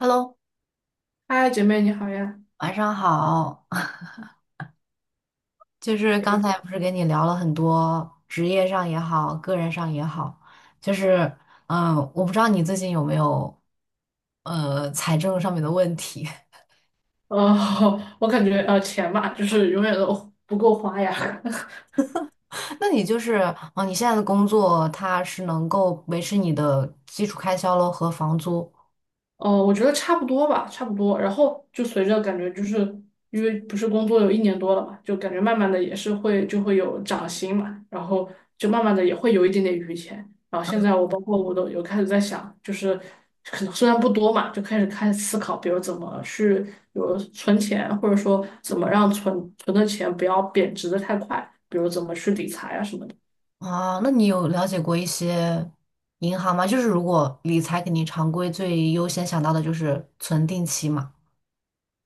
Hello，嗨，姐妹你好呀。晚上好。就是刚才不是跟你聊了很多职业上也好，个人上也好，就是我不知道你最近有没有财政上面的问题。呃，我感觉钱嘛，就是永远都不够花呀。那你就是哦，你现在的工作它是能够维持你的基础开销咯和房租我觉得差不多吧，差不多。然后就随着感觉，就是因为不是工作有一年多了嘛，就感觉慢慢的也是会就会有涨薪嘛，然后就慢慢的也会有一点点余钱。然后现在我包括我都有开始在想，就是可能虽然不多嘛，就开始思考，比如怎么去，比如存钱，或者说怎么让存的钱不要贬值的太快，比如怎么去理财啊什么的。啊？那你有了解过一些银行吗？就是如果理财，肯定常规最优先想到的就是存定期嘛。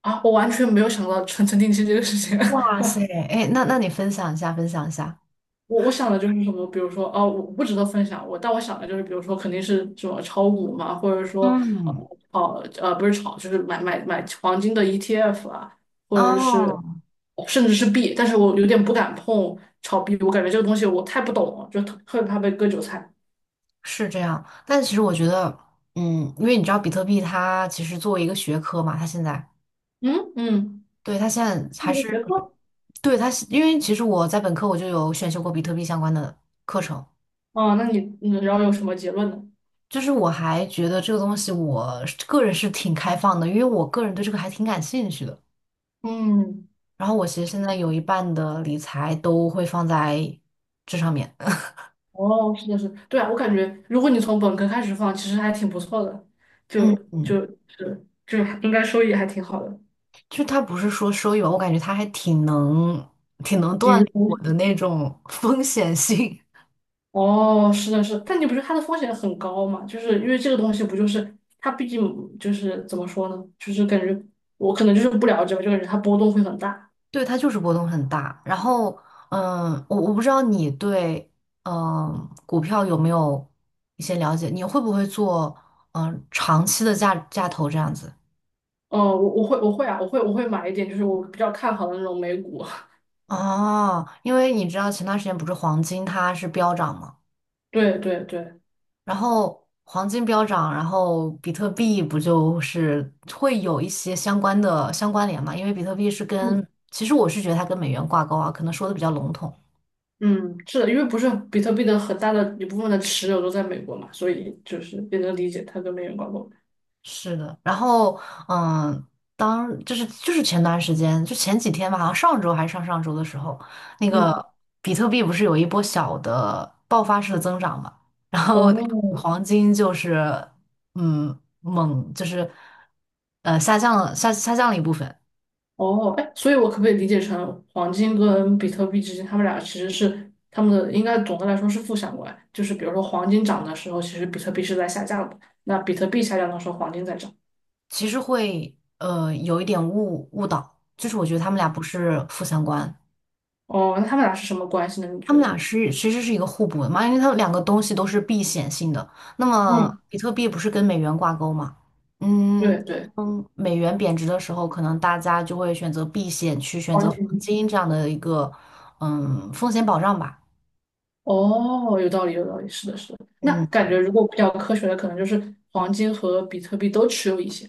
啊，我完全没有想到存承定期这个事情。哇塞，哎，那你分享一下，分享一下。我想的就是什么，比如说，哦，我不值得分享。我但我想的就是，比如说，肯定是什么炒股嘛，或者说，嗯，呃，不是炒，就是买黄金的 ETF 啊，或者是哦，甚至是币。但是我有点不敢碰炒币，我感觉这个东西我太不懂了，就特别怕被割韭菜。是这样。但其实我觉得，嗯，因为你知道比特币它其实作为一个学科嘛，它现在，嗯嗯，对，它现在这还是一是，个学科。对，它是，因为其实我在本科我就有选修过比特币相关的课程，啊，那你，然后有什么结论呢？就是我还觉得这个东西我是个人是挺开放的，因为我个人对这个还挺感兴趣的。嗯。然后我其实现在有一半的理财都会放在这上面。哦，是的，是的，对啊，我感觉如果你从本科开始放，其实还挺不错的，就嗯嗯。就是还应该收益还挺好的，就他不是说收益吧，我感觉他还挺能抵锻炼御风我的险。那种 风险性。哦，是的，是的但你不是它的风险很高嘛？就是因为这个东西不就是它毕竟就是怎么说呢？就是感觉我可能就是不了解吧，就感觉它波动会很大。对，它就是波动很大。然后，嗯，我不知道你对嗯股票有没有一些了解，你会不会做长期的价投这样子？哦，我会啊，我会买一点，就是我比较看好的那种美股。哦，因为你知道前段时间不是黄金它是飙涨吗？对对对，然后黄金飙涨，然后比特币不就是会有一些相关联嘛？因为比特币是嗯。跟，其实我是觉得它跟美元挂钩啊，可能说的比较笼统。嗯，是的，因为不是比特币的很大的一部分的持有都在美国嘛，所以就是也能理解它跟美元挂钩。是的，然后嗯，当就是就是前段时间，就前几天吧，好像上周还是上上周的时候，那嗯，个比特币不是有一波小的爆发式的增长嘛？然后哦，黄金就是嗯猛就是下降了一部分。哦，哎，所以我可不可以理解成黄金跟比特币之间，他们俩其实是他们的应该总的来说是负相关，就是比如说黄金涨的时候，其实比特币是在下降的，那比特币下降的时候，黄金在涨。其实会有一点误导，就是我觉得他们俩不是负相关，哦，那他们俩是什么关系呢？你他觉们俩得？是其实是一个互补的嘛，因为它们两个东西都是避险性的。那么嗯，比特币不是跟美元挂钩嘛？嗯对对，嗯，美元贬值的时候，可能大家就会选择避险，去选择黄黄金。金这样的一个风险保障吧。哦，有道理，有道理，是的，是的。那嗯感觉如果比较科学的，可能就是黄金和比特币都持有一些。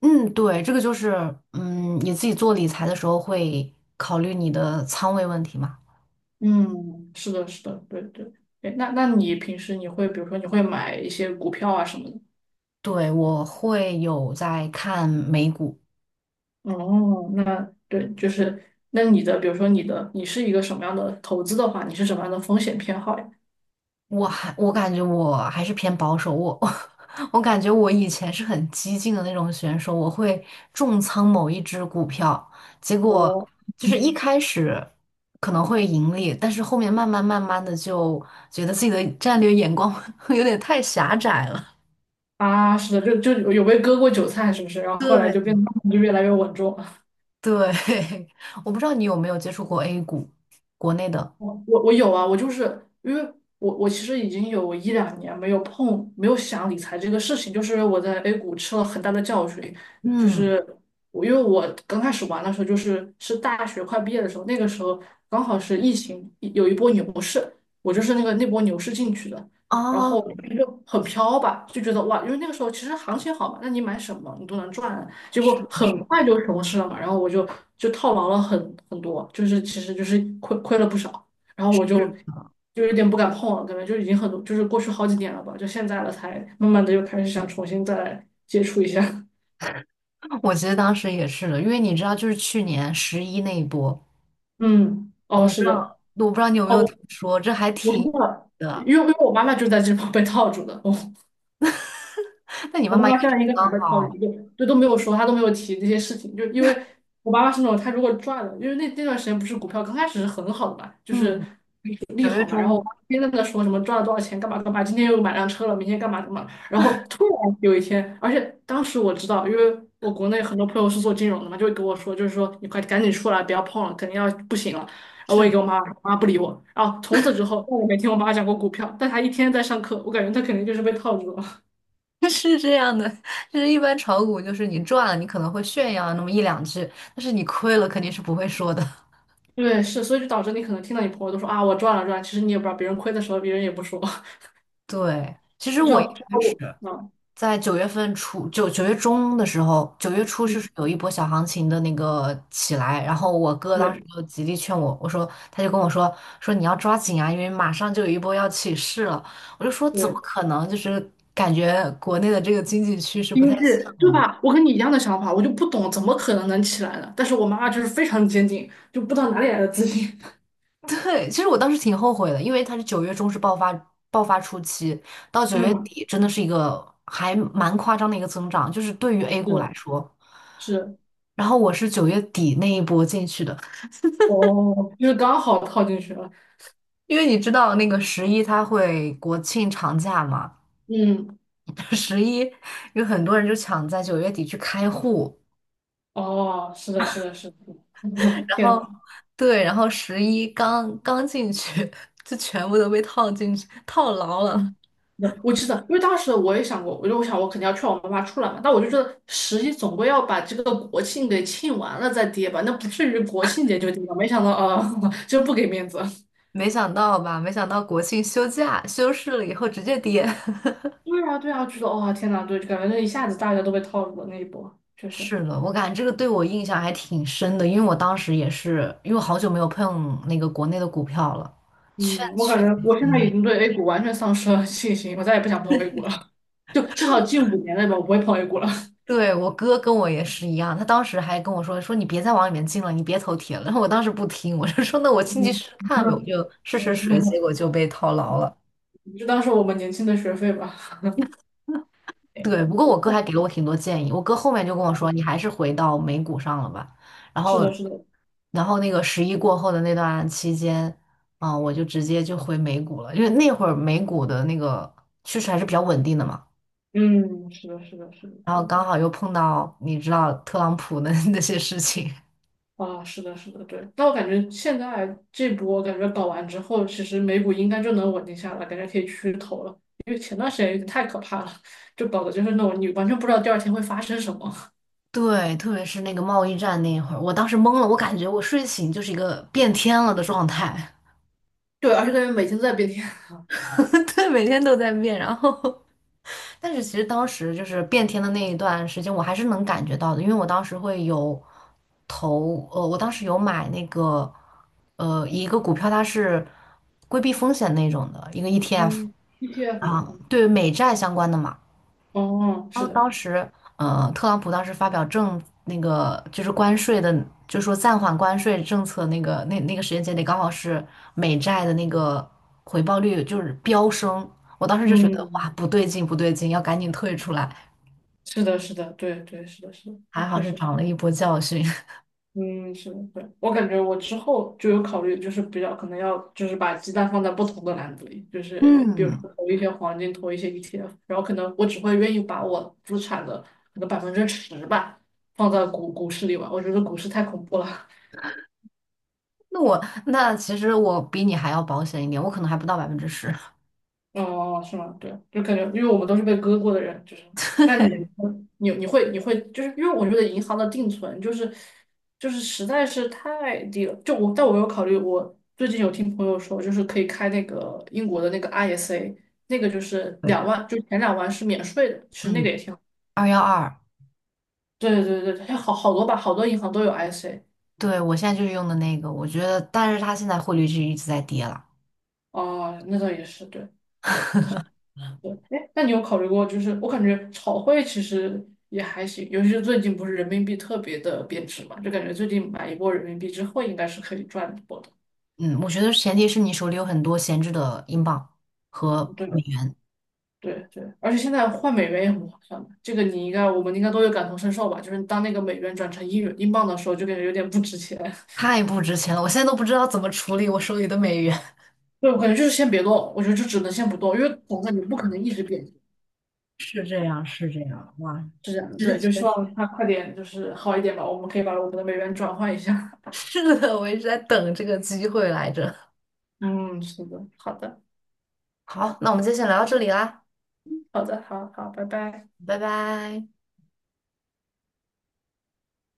嗯，对，这个就是你自己做理财的时候会考虑你的仓位问题嘛。嗯，是的，是的，对对。哎，那你平时你会，比如说你会买一些股票啊什么的？对，我会有在看美股，哦，那对，就是那你的，比如说你的，你是一个什么样的投资的话，你是什么样的风险偏好呀？我感觉我还是偏保守，我 我感觉我以前是很激进的那种选手，我会重仓某一只股票，结果哦，就是一开始可能会盈利，但是后面慢慢慢慢的就觉得自己的战略眼光 有点太狭窄了。啊，是的，就有被割过韭菜，是不是？然后后来就变对，得就越来越稳重。对，我不知道你有没有接触过 A 股，国内的，我有啊，我就是因为我其实已经有一两年没有碰，没有想理财这个事情，就是我在 A 股吃了很大的教训，就嗯，是因为我刚开始玩的时候，就是大学快毕业的时候，那个时候刚好是疫情有一波牛市，我就是那波牛市进去的，然后哦，就很飘吧，就觉得哇，因为那个时候其实行情好嘛，那你买什么你都能赚，结果是的很是的。快就熊市了嘛，然后我就套牢了很多，就是其实就是亏了不少。然后我就是就有点不敢碰了，感觉就已经很多，就是过去好几年了吧，就现在了才慢慢的又开始想重新再来接触一下。我其实当时也是的，因为你知道，就是去年十一那一波，嗯，哦，我不是知道，的，我不知道你有没哦，有听我说，这还我知挺道了，因的。为因为我妈妈就在这方被套住的。那你我妈妈妈应妈该现是在应该还在考好，虑，就都没有说，她都没有提这些事情，就因为我妈妈是那种她如果赚了，因为那段时间不是股票刚开始是很好的嘛，就是嗯，利九月好嘛，然后我中爸天天在那说什么赚了多少钱，干嘛干嘛，今天又买辆车了，明天干嘛干嘛，然后突然有一天，而且当时我知道，因为我国内很多朋友是做金融的嘛，就会跟我说，就是说你快赶紧出来，不要碰了，肯定要不行了。然后我也给是我妈，我妈不理我，然后从此之后，我也没听我妈讲过股票，但她一天在上课，我感觉她肯定就是被套住了。的 是这样的，就是一般炒股就是你赚了，你可能会炫耀那么一两句，但是你亏了肯定是不会说的。对，是，所以就导致你可能听到你朋友都说啊，我赚了赚了其实你也不知道，别人亏的时候别人也不说。对，其 实你我一至开少 始。我，嗯，在九月份初，九月中的时候，九月初嗯是有一波小行情的那个起来，然后我哥当时对就极力劝我，他就跟我说说你要抓紧啊，因为马上就有一波要起势了。我就说怎么对，可能？就是感觉国内的这个经济趋势不太经济像对嘛。吧？我跟你一样的想法，我就不懂怎么可能能起来呢？但是我妈妈就是非常坚定，就不知道哪里来的自信。对，其实我当时挺后悔的，因为它是九月中是爆发初期，到 九月嗯，底真的是一个还蛮夸张的一个增长，就是对于 A 股来是说。是，然后我是九月底那一波进去的，哦，就是刚好套进去了。因为你知道那个十一它会国庆长假嘛，嗯，十一有很多人就抢在九月底去开户，哦，是的，是的，是的。然后天。对，然后十一刚刚进去 就全部都被套进去套牢了，嗯，那我记得，因为当时我也想过，我就想我肯定要劝我妈妈出来嘛，但我就觉得十一总归要把这个国庆给庆完了再跌吧，那不至于国庆节就跌吧。没想到，啊，就不给面子。没想到吧？没想到国庆休假休市了以后直接跌。对啊，对啊，觉得哇，天呐，对，感觉那一下子大家都被套路了那一波，确实。是的，我感觉这个对我印象还挺深的，因为我当时也是，因为我好久没有碰那个国内的股票了，嗯，券我感圈。觉我现在已经对 A 股完全丧失了信心，我再也不想碰 A 股了，就至少近5年内吧，我不会碰 A 股了。对，我哥跟我也是一样，他当时还跟我说说你别再往里面进了，你别投铁了。然后我当时不听，我就说那我进嗯去试试看呗，我就试试水，结嗯，果就被套牢了。就当是我们年轻的学费吧。对对，不过我我哥还碰给了我挺多建议，我哥后面就跟我说你还是回到美股上了吧。然是后，的，是的，然后那个十一过后的那段期间，啊、我就直接就回美股了，因为那会儿美股的那个趋势还是比较稳定的嘛。嗯，是的，是的，是的，然后对，刚好又碰到你知道特朗普的 那些事情。啊，是的，是的，对。但我感觉现在这波感觉搞完之后，其实美股应该就能稳定下来，感觉可以去投了。因为前段时间有点太可怕了，就搞的就是那种你完全不知道第二天会发生什么。对，特别是那个贸易战那一会儿，我当时懵了，我感觉我睡醒就是一个变天了的状态，对，而且感觉每天都在变天啊。对，每天都在变。然后，但是其实当时就是变天的那一段时间，我还是能感觉到的，因为我当时有买那个，一个股票，它是规避风险那种的一个 ETF 嗯，ETF 嘛，啊，嗯对美债相关的嘛。哦，然是后的，当时，特朗普当时发表那个就是关税的，就说暂缓关税政策那个时间节点，刚好是美债的那个回报率就是飙升。我当时就觉得哇，嗯，不对劲，不对劲，要赶紧退出来。是的，是的，对对，是的，是的，对还好确是实。长了一波教训。嗯，是的，对，我感觉我之后就有考虑，就是比较可能要就是把鸡蛋放在不同的篮子里，就是比如嗯，说投一些黄金，投一些 ETF，然后可能我只会愿意把我资产的可能10%吧放在股市里吧，我觉得股市太恐怖了。那其实我比你还要保险一点，我可能还不到10%。哦，哦是吗？对，就感觉，因为我们都是被割过的人，就是，那 你对你你会你会，就是因为我觉得银行的定存就是实在是太低了，但我有考虑，我最近有听朋友说，就是可以开那个英国的那个 ISA，那个就是对，2万，就前两万是免税的，其实那个嗯，也挺好，二幺二，对对对对，好好多吧，好多银行都有 ISA，对我现在就是用的那个，我觉得，但是它现在汇率就一直在跌了。哦，那倒也是，对。对，哎，那你有考虑过，就是我感觉炒汇其实也还行，尤其是最近不是人民币特别的贬值嘛，就感觉最近买一波人民币之后，应该是可以赚一波的。嗯，我觉得前提是你手里有很多闲置的英镑和美对元，对对，而且现在换美元也很划算的，这个你应该我们应该都有感同身受吧？就是当那个美元转成英镑的时候，就感觉有点不值钱。太不值钱了，我现在都不知道怎么处理我手里的美元。对，我感觉就是先别动，我觉得就只能先不动，因为总感觉不可能一直贬值，是这样，是这样，哇，是这样的。这对，就确希实望它快点就是好一点吧，我们可以把我们的美元转换一下。是的，我一直在等这个机会来着。嗯，是的，好的。好，那我们今天先聊到这里啦，好的，好好，拜拜。拜拜。